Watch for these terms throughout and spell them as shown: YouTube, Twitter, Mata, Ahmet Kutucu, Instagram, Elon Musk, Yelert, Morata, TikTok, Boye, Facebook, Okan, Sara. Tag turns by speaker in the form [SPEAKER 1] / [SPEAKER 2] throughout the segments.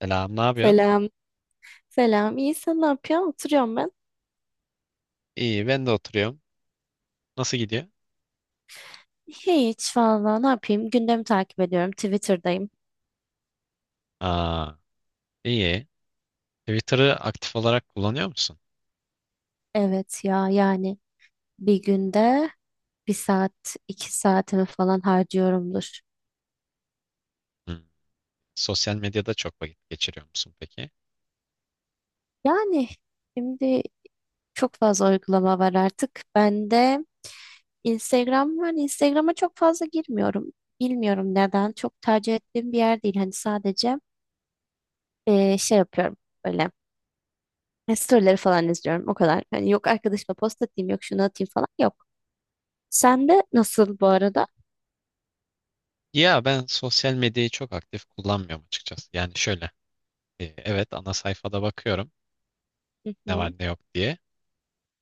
[SPEAKER 1] Selam, ne yapıyorsun?
[SPEAKER 2] Selam. Selam. İyi, sen ne yapıyorsun? Oturuyorum ben.
[SPEAKER 1] İyi, ben de oturuyorum. Nasıl gidiyor?
[SPEAKER 2] Hiç valla ne yapayım? Gündemi takip ediyorum. Twitter'dayım.
[SPEAKER 1] Aa, iyi. Twitter'ı aktif olarak kullanıyor musun?
[SPEAKER 2] Evet ya yani bir günde bir saat iki saatimi falan harcıyorumdur.
[SPEAKER 1] Hı. Sosyal medyada çok vakit geçiriyor musun peki?
[SPEAKER 2] Yani şimdi çok fazla uygulama var artık. Ben de Instagram var. Instagram'a çok fazla girmiyorum. Bilmiyorum neden. Çok tercih ettiğim bir yer değil. Hani sadece şey yapıyorum böyle. Storyleri falan izliyorum o kadar. Hani yok arkadaşıma post atayım yok şunu atayım falan yok. Sen de nasıl bu arada?
[SPEAKER 1] Ya ben sosyal medyayı çok aktif kullanmıyorum açıkçası. Yani şöyle, evet ana sayfada bakıyorum
[SPEAKER 2] Hı
[SPEAKER 1] ne var
[SPEAKER 2] hı.
[SPEAKER 1] ne yok diye.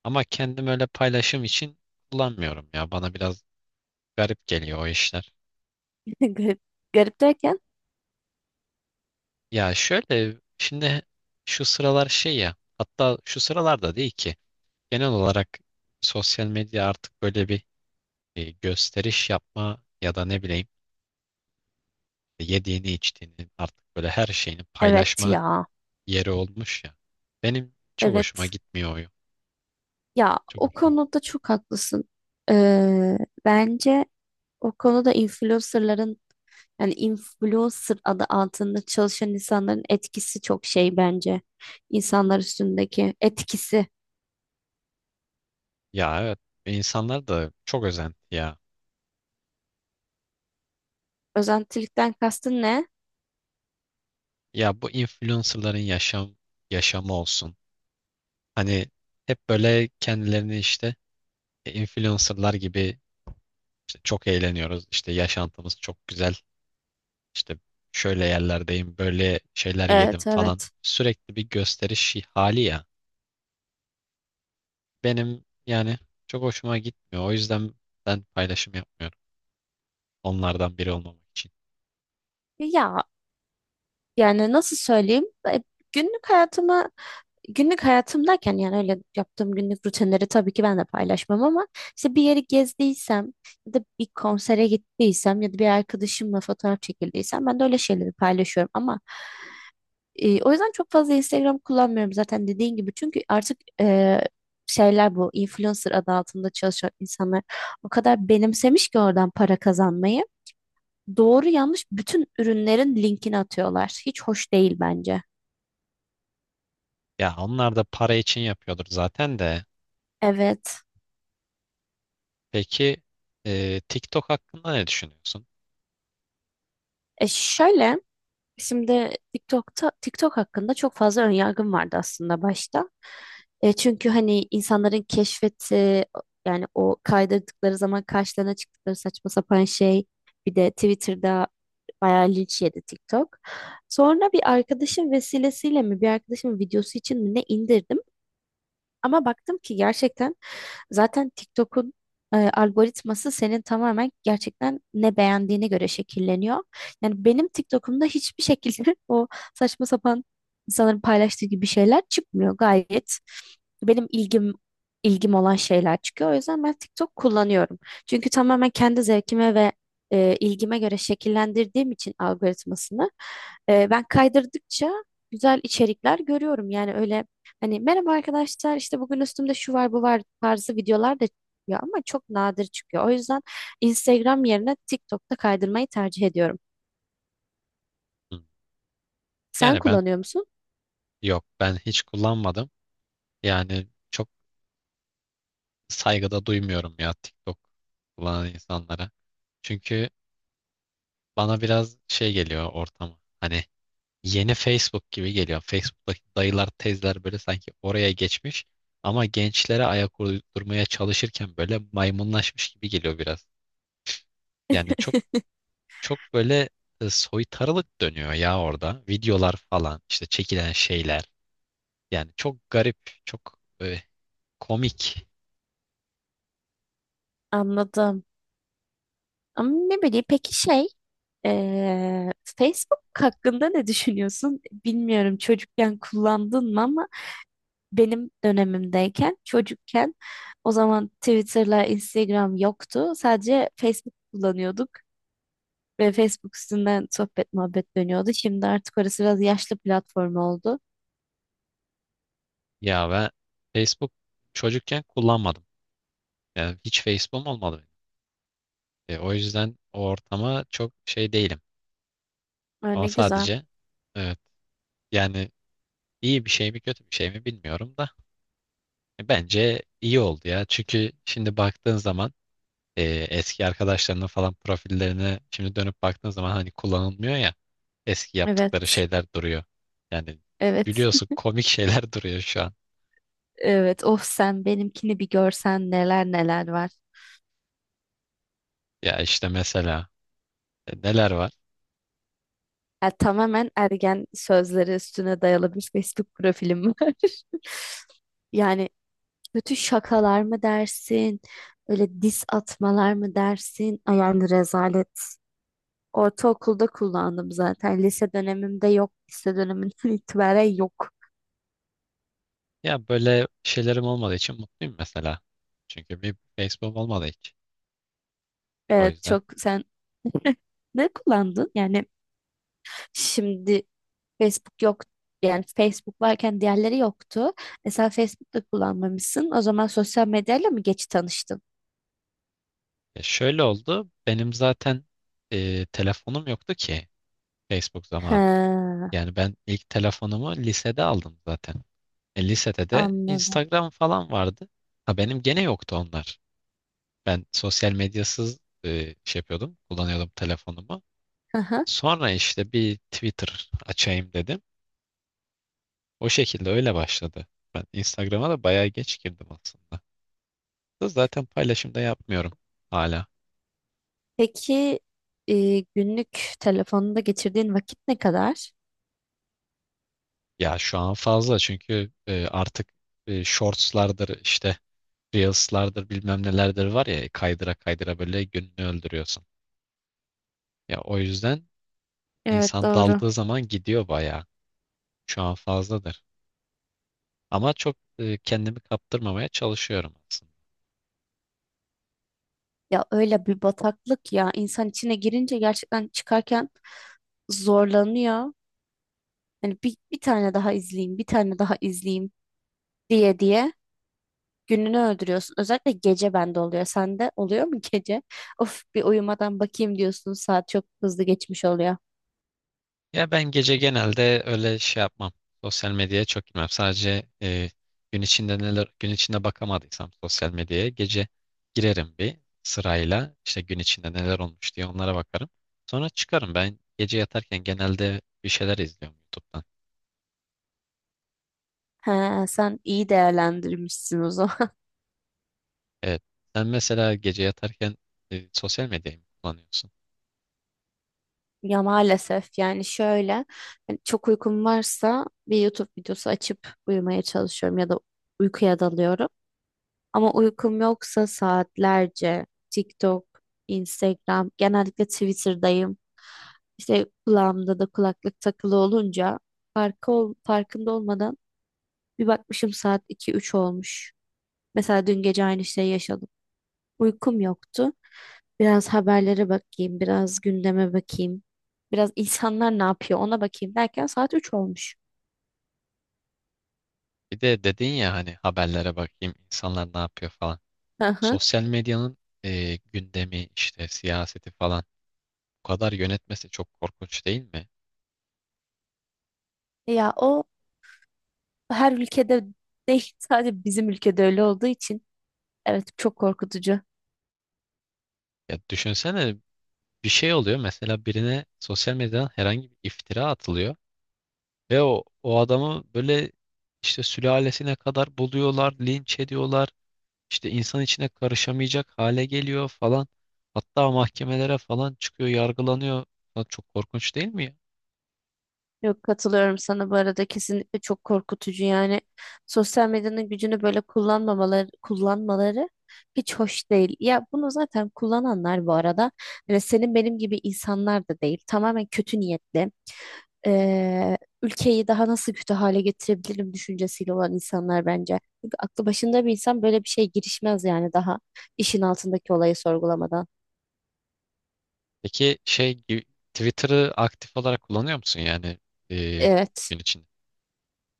[SPEAKER 1] Ama kendim öyle paylaşım için kullanmıyorum ya. Bana biraz garip geliyor o işler.
[SPEAKER 2] Garip, garip derken.
[SPEAKER 1] Ya şöyle, şimdi şu sıralar şey ya, hatta şu sıralarda değil ki. Genel olarak sosyal medya artık böyle bir gösteriş yapma ya da ne bileyim işte yediğini içtiğini artık böyle her şeyini
[SPEAKER 2] Evet
[SPEAKER 1] paylaşma
[SPEAKER 2] ya.
[SPEAKER 1] yeri olmuş ya. Benim çok
[SPEAKER 2] Evet.
[SPEAKER 1] hoşuma gitmiyor o.
[SPEAKER 2] Ya
[SPEAKER 1] Çok
[SPEAKER 2] o
[SPEAKER 1] hoşuma gitti.
[SPEAKER 2] konuda çok haklısın. Ee, bence o konuda influencerların yani influencer adı altında çalışan insanların etkisi çok şey bence. İnsanlar üstündeki etkisi.
[SPEAKER 1] Ya evet, insanlar da çok özenti ya.
[SPEAKER 2] Özentilikten kastın ne?
[SPEAKER 1] Ya bu influencerların yaşamı olsun. Hani hep böyle kendilerini işte influencerlar gibi işte çok eğleniyoruz, işte yaşantımız çok güzel. İşte şöyle yerlerdeyim, böyle şeyler yedim
[SPEAKER 2] Evet
[SPEAKER 1] falan.
[SPEAKER 2] evet.
[SPEAKER 1] Sürekli bir gösteriş hali ya. Benim yani çok hoşuma gitmiyor. O yüzden ben paylaşım yapmıyorum. Onlardan biri olmamak için.
[SPEAKER 2] Ya yani nasıl söyleyeyim? Günlük hayatıma Günlük hayatımdayken yani öyle yaptığım günlük rutinleri tabii ki ben de paylaşmam ama işte bir yeri gezdiysem ya da bir konsere gittiysem ya da bir arkadaşımla fotoğraf çekildiysem ben de öyle şeyleri paylaşıyorum ama o yüzden çok fazla Instagram kullanmıyorum zaten dediğin gibi çünkü artık şeyler bu influencer adı altında çalışan insanlar o kadar benimsemiş ki oradan para kazanmayı doğru yanlış bütün ürünlerin linkini atıyorlar hiç hoş değil bence.
[SPEAKER 1] Ya onlar da para için yapıyordur zaten de.
[SPEAKER 2] Evet.
[SPEAKER 1] Peki TikTok hakkında ne düşünüyorsun?
[SPEAKER 2] E şöyle Şimdi TikTok hakkında çok fazla önyargım vardı aslında başta. Çünkü hani insanların keşfeti yani o kaydırdıkları zaman karşılarına çıktıkları saçma sapan şey, bir de Twitter'da bayağı linç yedi TikTok. Sonra bir arkadaşım vesilesiyle mi bir arkadaşımın videosu için mi ne indirdim ama baktım ki gerçekten zaten TikTok'un algoritması senin tamamen gerçekten ne beğendiğine göre şekilleniyor. Yani benim TikTok'umda hiçbir şekilde o saçma sapan insanların paylaştığı gibi şeyler çıkmıyor. Gayet benim ilgim olan şeyler çıkıyor. O yüzden ben TikTok kullanıyorum. Çünkü tamamen kendi zevkime ve ilgime göre şekillendirdiğim için algoritmasını, ben kaydırdıkça güzel içerikler görüyorum. Yani öyle, hani merhaba arkadaşlar işte bugün üstümde şu var bu var tarzı videolar da çıkıyor ama çok nadir çıkıyor. O yüzden Instagram yerine TikTok'ta kaydırmayı tercih ediyorum.
[SPEAKER 1] Hı.
[SPEAKER 2] Sen
[SPEAKER 1] Yani ben
[SPEAKER 2] kullanıyor musun?
[SPEAKER 1] yok ben hiç kullanmadım. Yani çok saygıda duymuyorum ya TikTok kullanan insanlara. Çünkü bana biraz şey geliyor ortamı. Hani yeni Facebook gibi geliyor. Facebook'taki dayılar, teyzeler böyle sanki oraya geçmiş ama gençlere ayak uydurmaya çalışırken böyle maymunlaşmış gibi geliyor biraz. Yani çok böyle soytarılık dönüyor ya orada. Videolar falan, işte çekilen şeyler. Yani çok garip, çok komik.
[SPEAKER 2] Anladım. Ama ne bileyim peki şey, Facebook hakkında ne düşünüyorsun? Bilmiyorum çocukken kullandın mı ama benim dönemimdeyken, çocukken, o zaman Twitter'la Instagram yoktu. Sadece Facebook kullanıyorduk. Ve Facebook üstünden sohbet muhabbet dönüyordu. Şimdi artık orası biraz yaşlı platform oldu.
[SPEAKER 1] Ya ve Facebook çocukken kullanmadım. Yani hiç Facebook'um olmadı benim. E, o yüzden o ortama çok şey değilim.
[SPEAKER 2] Aa,
[SPEAKER 1] Ama
[SPEAKER 2] ne güzel.
[SPEAKER 1] sadece evet, yani İyi bir şey mi kötü bir şey mi bilmiyorum da bence iyi oldu ya. Çünkü şimdi baktığın zaman e, eski arkadaşlarının falan profillerine şimdi dönüp baktığın zaman hani kullanılmıyor ya, eski yaptıkları
[SPEAKER 2] Evet.
[SPEAKER 1] şeyler duruyor. Yani
[SPEAKER 2] Evet.
[SPEAKER 1] biliyorsun, komik şeyler duruyor şu an.
[SPEAKER 2] Evet. Of sen benimkini bir görsen, neler neler var.
[SPEAKER 1] Ya işte mesela neler var?
[SPEAKER 2] Ya, tamamen ergen sözleri üstüne dayalı bir Facebook profilim var. Yani kötü şakalar mı dersin? Öyle diss atmalar mı dersin? Ay yani rezalet. Ortaokulda kullandım zaten. Lise dönemimde yok. Lise döneminden itibaren yok.
[SPEAKER 1] Ya böyle şeylerim olmadığı için mutluyum mesela. Çünkü bir Facebook olmadı hiç. O
[SPEAKER 2] Evet,
[SPEAKER 1] yüzden
[SPEAKER 2] çok sen. Ne kullandın? Yani şimdi Facebook yok. Yani Facebook varken diğerleri yoktu. Mesela Facebook'ta kullanmamışsın. O zaman sosyal medyayla mı geç tanıştın?
[SPEAKER 1] ya şöyle oldu. Benim zaten telefonum yoktu ki Facebook zamanı.
[SPEAKER 2] Ha,
[SPEAKER 1] Yani ben ilk telefonumu lisede aldım zaten. E, lisede de
[SPEAKER 2] anladım.
[SPEAKER 1] Instagram falan vardı. Ha, benim gene yoktu onlar. Ben sosyal medyasız şey yapıyordum, kullanıyordum telefonumu.
[SPEAKER 2] Hı hı.
[SPEAKER 1] Sonra işte bir Twitter açayım dedim. O şekilde öyle başladı. Ben Instagram'a da bayağı geç girdim aslında. Da zaten paylaşım da yapmıyorum hala.
[SPEAKER 2] Peki günlük telefonunda geçirdiğin vakit ne kadar?
[SPEAKER 1] Ya şu an fazla çünkü artık shortslardır, işte Reels'lardır bilmem nelerdir var ya, kaydıra kaydıra böyle gününü öldürüyorsun. Ya o yüzden
[SPEAKER 2] Evet,
[SPEAKER 1] insan
[SPEAKER 2] doğru.
[SPEAKER 1] daldığı zaman gidiyor bayağı. Şu an fazladır. Ama çok kendimi kaptırmamaya çalışıyorum aslında.
[SPEAKER 2] Ya öyle bir bataklık ya. İnsan içine girince gerçekten çıkarken zorlanıyor. Hani bir tane daha izleyeyim, bir tane daha izleyeyim diye diye. Gününü öldürüyorsun. Özellikle gece bende oluyor. Sende oluyor mu gece? Of, bir uyumadan bakayım diyorsun. Saat çok hızlı geçmiş oluyor.
[SPEAKER 1] Ya ben gece genelde öyle şey yapmam. Sosyal medyaya çok girmem. Sadece gün içinde bakamadıysam sosyal medyaya gece girerim bir sırayla. İşte gün içinde neler olmuş diye onlara bakarım. Sonra çıkarım. Ben gece yatarken genelde bir şeyler izliyorum YouTube'dan.
[SPEAKER 2] He, sen iyi değerlendirmişsin o zaman.
[SPEAKER 1] Evet. Sen mesela gece yatarken sosyal medyayı mı kullanıyorsun?
[SPEAKER 2] Ya maalesef, yani şöyle, hani çok uykum varsa bir YouTube videosu açıp uyumaya çalışıyorum ya da uykuya dalıyorum. Ama uykum yoksa saatlerce TikTok, Instagram, genellikle Twitter'dayım. İşte kulağımda da kulaklık takılı olunca farkında olmadan bir bakmışım saat iki üç olmuş. Mesela dün gece aynı şeyi yaşadım. Uykum yoktu. Biraz haberlere bakayım, biraz gündeme bakayım. Biraz insanlar ne yapıyor ona bakayım derken saat 3 olmuş.
[SPEAKER 1] Bir de dedin ya hani haberlere bakayım, insanlar ne yapıyor falan.
[SPEAKER 2] Hı hı.
[SPEAKER 1] Sosyal medyanın gündemi, işte siyaseti falan bu kadar yönetmesi çok korkunç değil mi?
[SPEAKER 2] Ya o her ülkede değil, sadece bizim ülkede öyle olduğu için, evet, çok korkutucu.
[SPEAKER 1] Ya düşünsene, bir şey oluyor mesela, birine sosyal medyadan herhangi bir iftira atılıyor ve o adamı böyle işte sülalesine kadar buluyorlar, linç ediyorlar. İşte insan içine karışamayacak hale geliyor falan. Hatta mahkemelere falan çıkıyor, yargılanıyor. Lan, çok korkunç değil mi ya?
[SPEAKER 2] Yok, katılıyorum sana bu arada, kesinlikle çok korkutucu yani. Sosyal medyanın gücünü böyle kullanmaları hiç hoş değil. Ya bunu zaten kullananlar bu arada hani senin benim gibi insanlar da değil, tamamen kötü niyetli, ülkeyi daha nasıl kötü hale getirebilirim düşüncesiyle olan insanlar bence. Çünkü aklı başında bir insan böyle bir şeye girişmez yani, daha işin altındaki olayı sorgulamadan.
[SPEAKER 1] Peki şey gibi- Twitter'ı aktif olarak kullanıyor musun yani e,
[SPEAKER 2] Evet
[SPEAKER 1] gün içinde?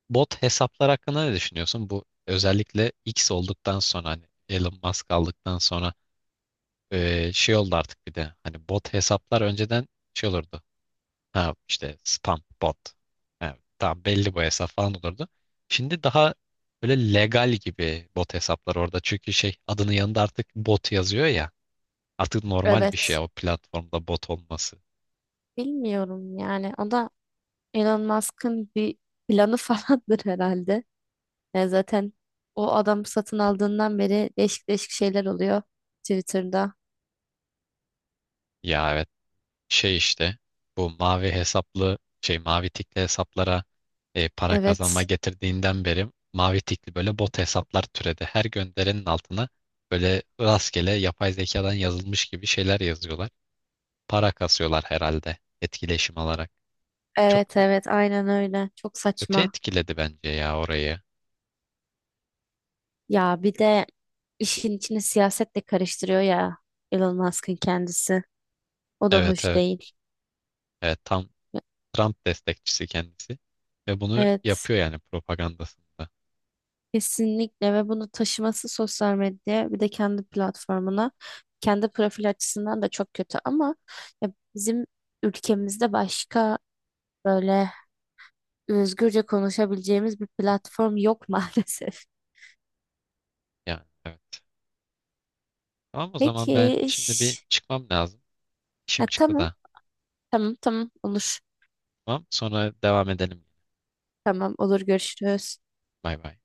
[SPEAKER 1] Bot hesaplar hakkında ne düşünüyorsun? Bu özellikle X olduktan sonra, hani Elon Musk aldıktan sonra şey oldu artık, bir de hani bot hesaplar önceden şey olurdu. Ha, işte spam bot. Ha, tamam, belli bu hesap falan olurdu. Şimdi daha böyle legal gibi bot hesaplar orada. Çünkü şey, adının yanında artık bot yazıyor ya. Artık normal bir şey
[SPEAKER 2] evet,
[SPEAKER 1] o platformda bot olması.
[SPEAKER 2] bilmiyorum yani, o da Elon Musk'ın bir planı falandır herhalde. Yani zaten o adam satın aldığından beri değişik değişik şeyler oluyor Twitter'da.
[SPEAKER 1] Ya evet, şey işte, bu mavi hesaplı şey, mavi tikli hesaplara para kazanma
[SPEAKER 2] Evet.
[SPEAKER 1] getirdiğinden beri mavi tikli böyle bot hesaplar türedi. Her gönderenin altına böyle rastgele yapay zekadan yazılmış gibi şeyler yazıyorlar. Para kasıyorlar herhalde etkileşim alarak. Çok
[SPEAKER 2] Evet evet, aynen öyle. Çok
[SPEAKER 1] kötü
[SPEAKER 2] saçma.
[SPEAKER 1] etkiledi bence ya orayı.
[SPEAKER 2] Ya bir de işin içine siyaset de karıştırıyor ya, Elon Musk'ın kendisi. O da
[SPEAKER 1] Evet,
[SPEAKER 2] hoş
[SPEAKER 1] evet.
[SPEAKER 2] değil.
[SPEAKER 1] Evet, tam Trump destekçisi kendisi ve bunu
[SPEAKER 2] Evet.
[SPEAKER 1] yapıyor yani propagandasında.
[SPEAKER 2] Kesinlikle. Ve bunu taşıması sosyal medyaya, bir de kendi platformuna, kendi profil açısından da çok kötü ama ya bizim ülkemizde başka böyle özgürce konuşabileceğimiz bir platform yok maalesef.
[SPEAKER 1] Yani evet. Tamam, o zaman ben
[SPEAKER 2] Peki.
[SPEAKER 1] şimdi bir
[SPEAKER 2] Şş.
[SPEAKER 1] çıkmam lazım.
[SPEAKER 2] Ha,
[SPEAKER 1] İşim çıktı
[SPEAKER 2] tamam.
[SPEAKER 1] da.
[SPEAKER 2] Tamam tamam, olur.
[SPEAKER 1] Tamam. Sonra devam edelim.
[SPEAKER 2] Tamam, olur, görüşürüz.
[SPEAKER 1] Bay bay.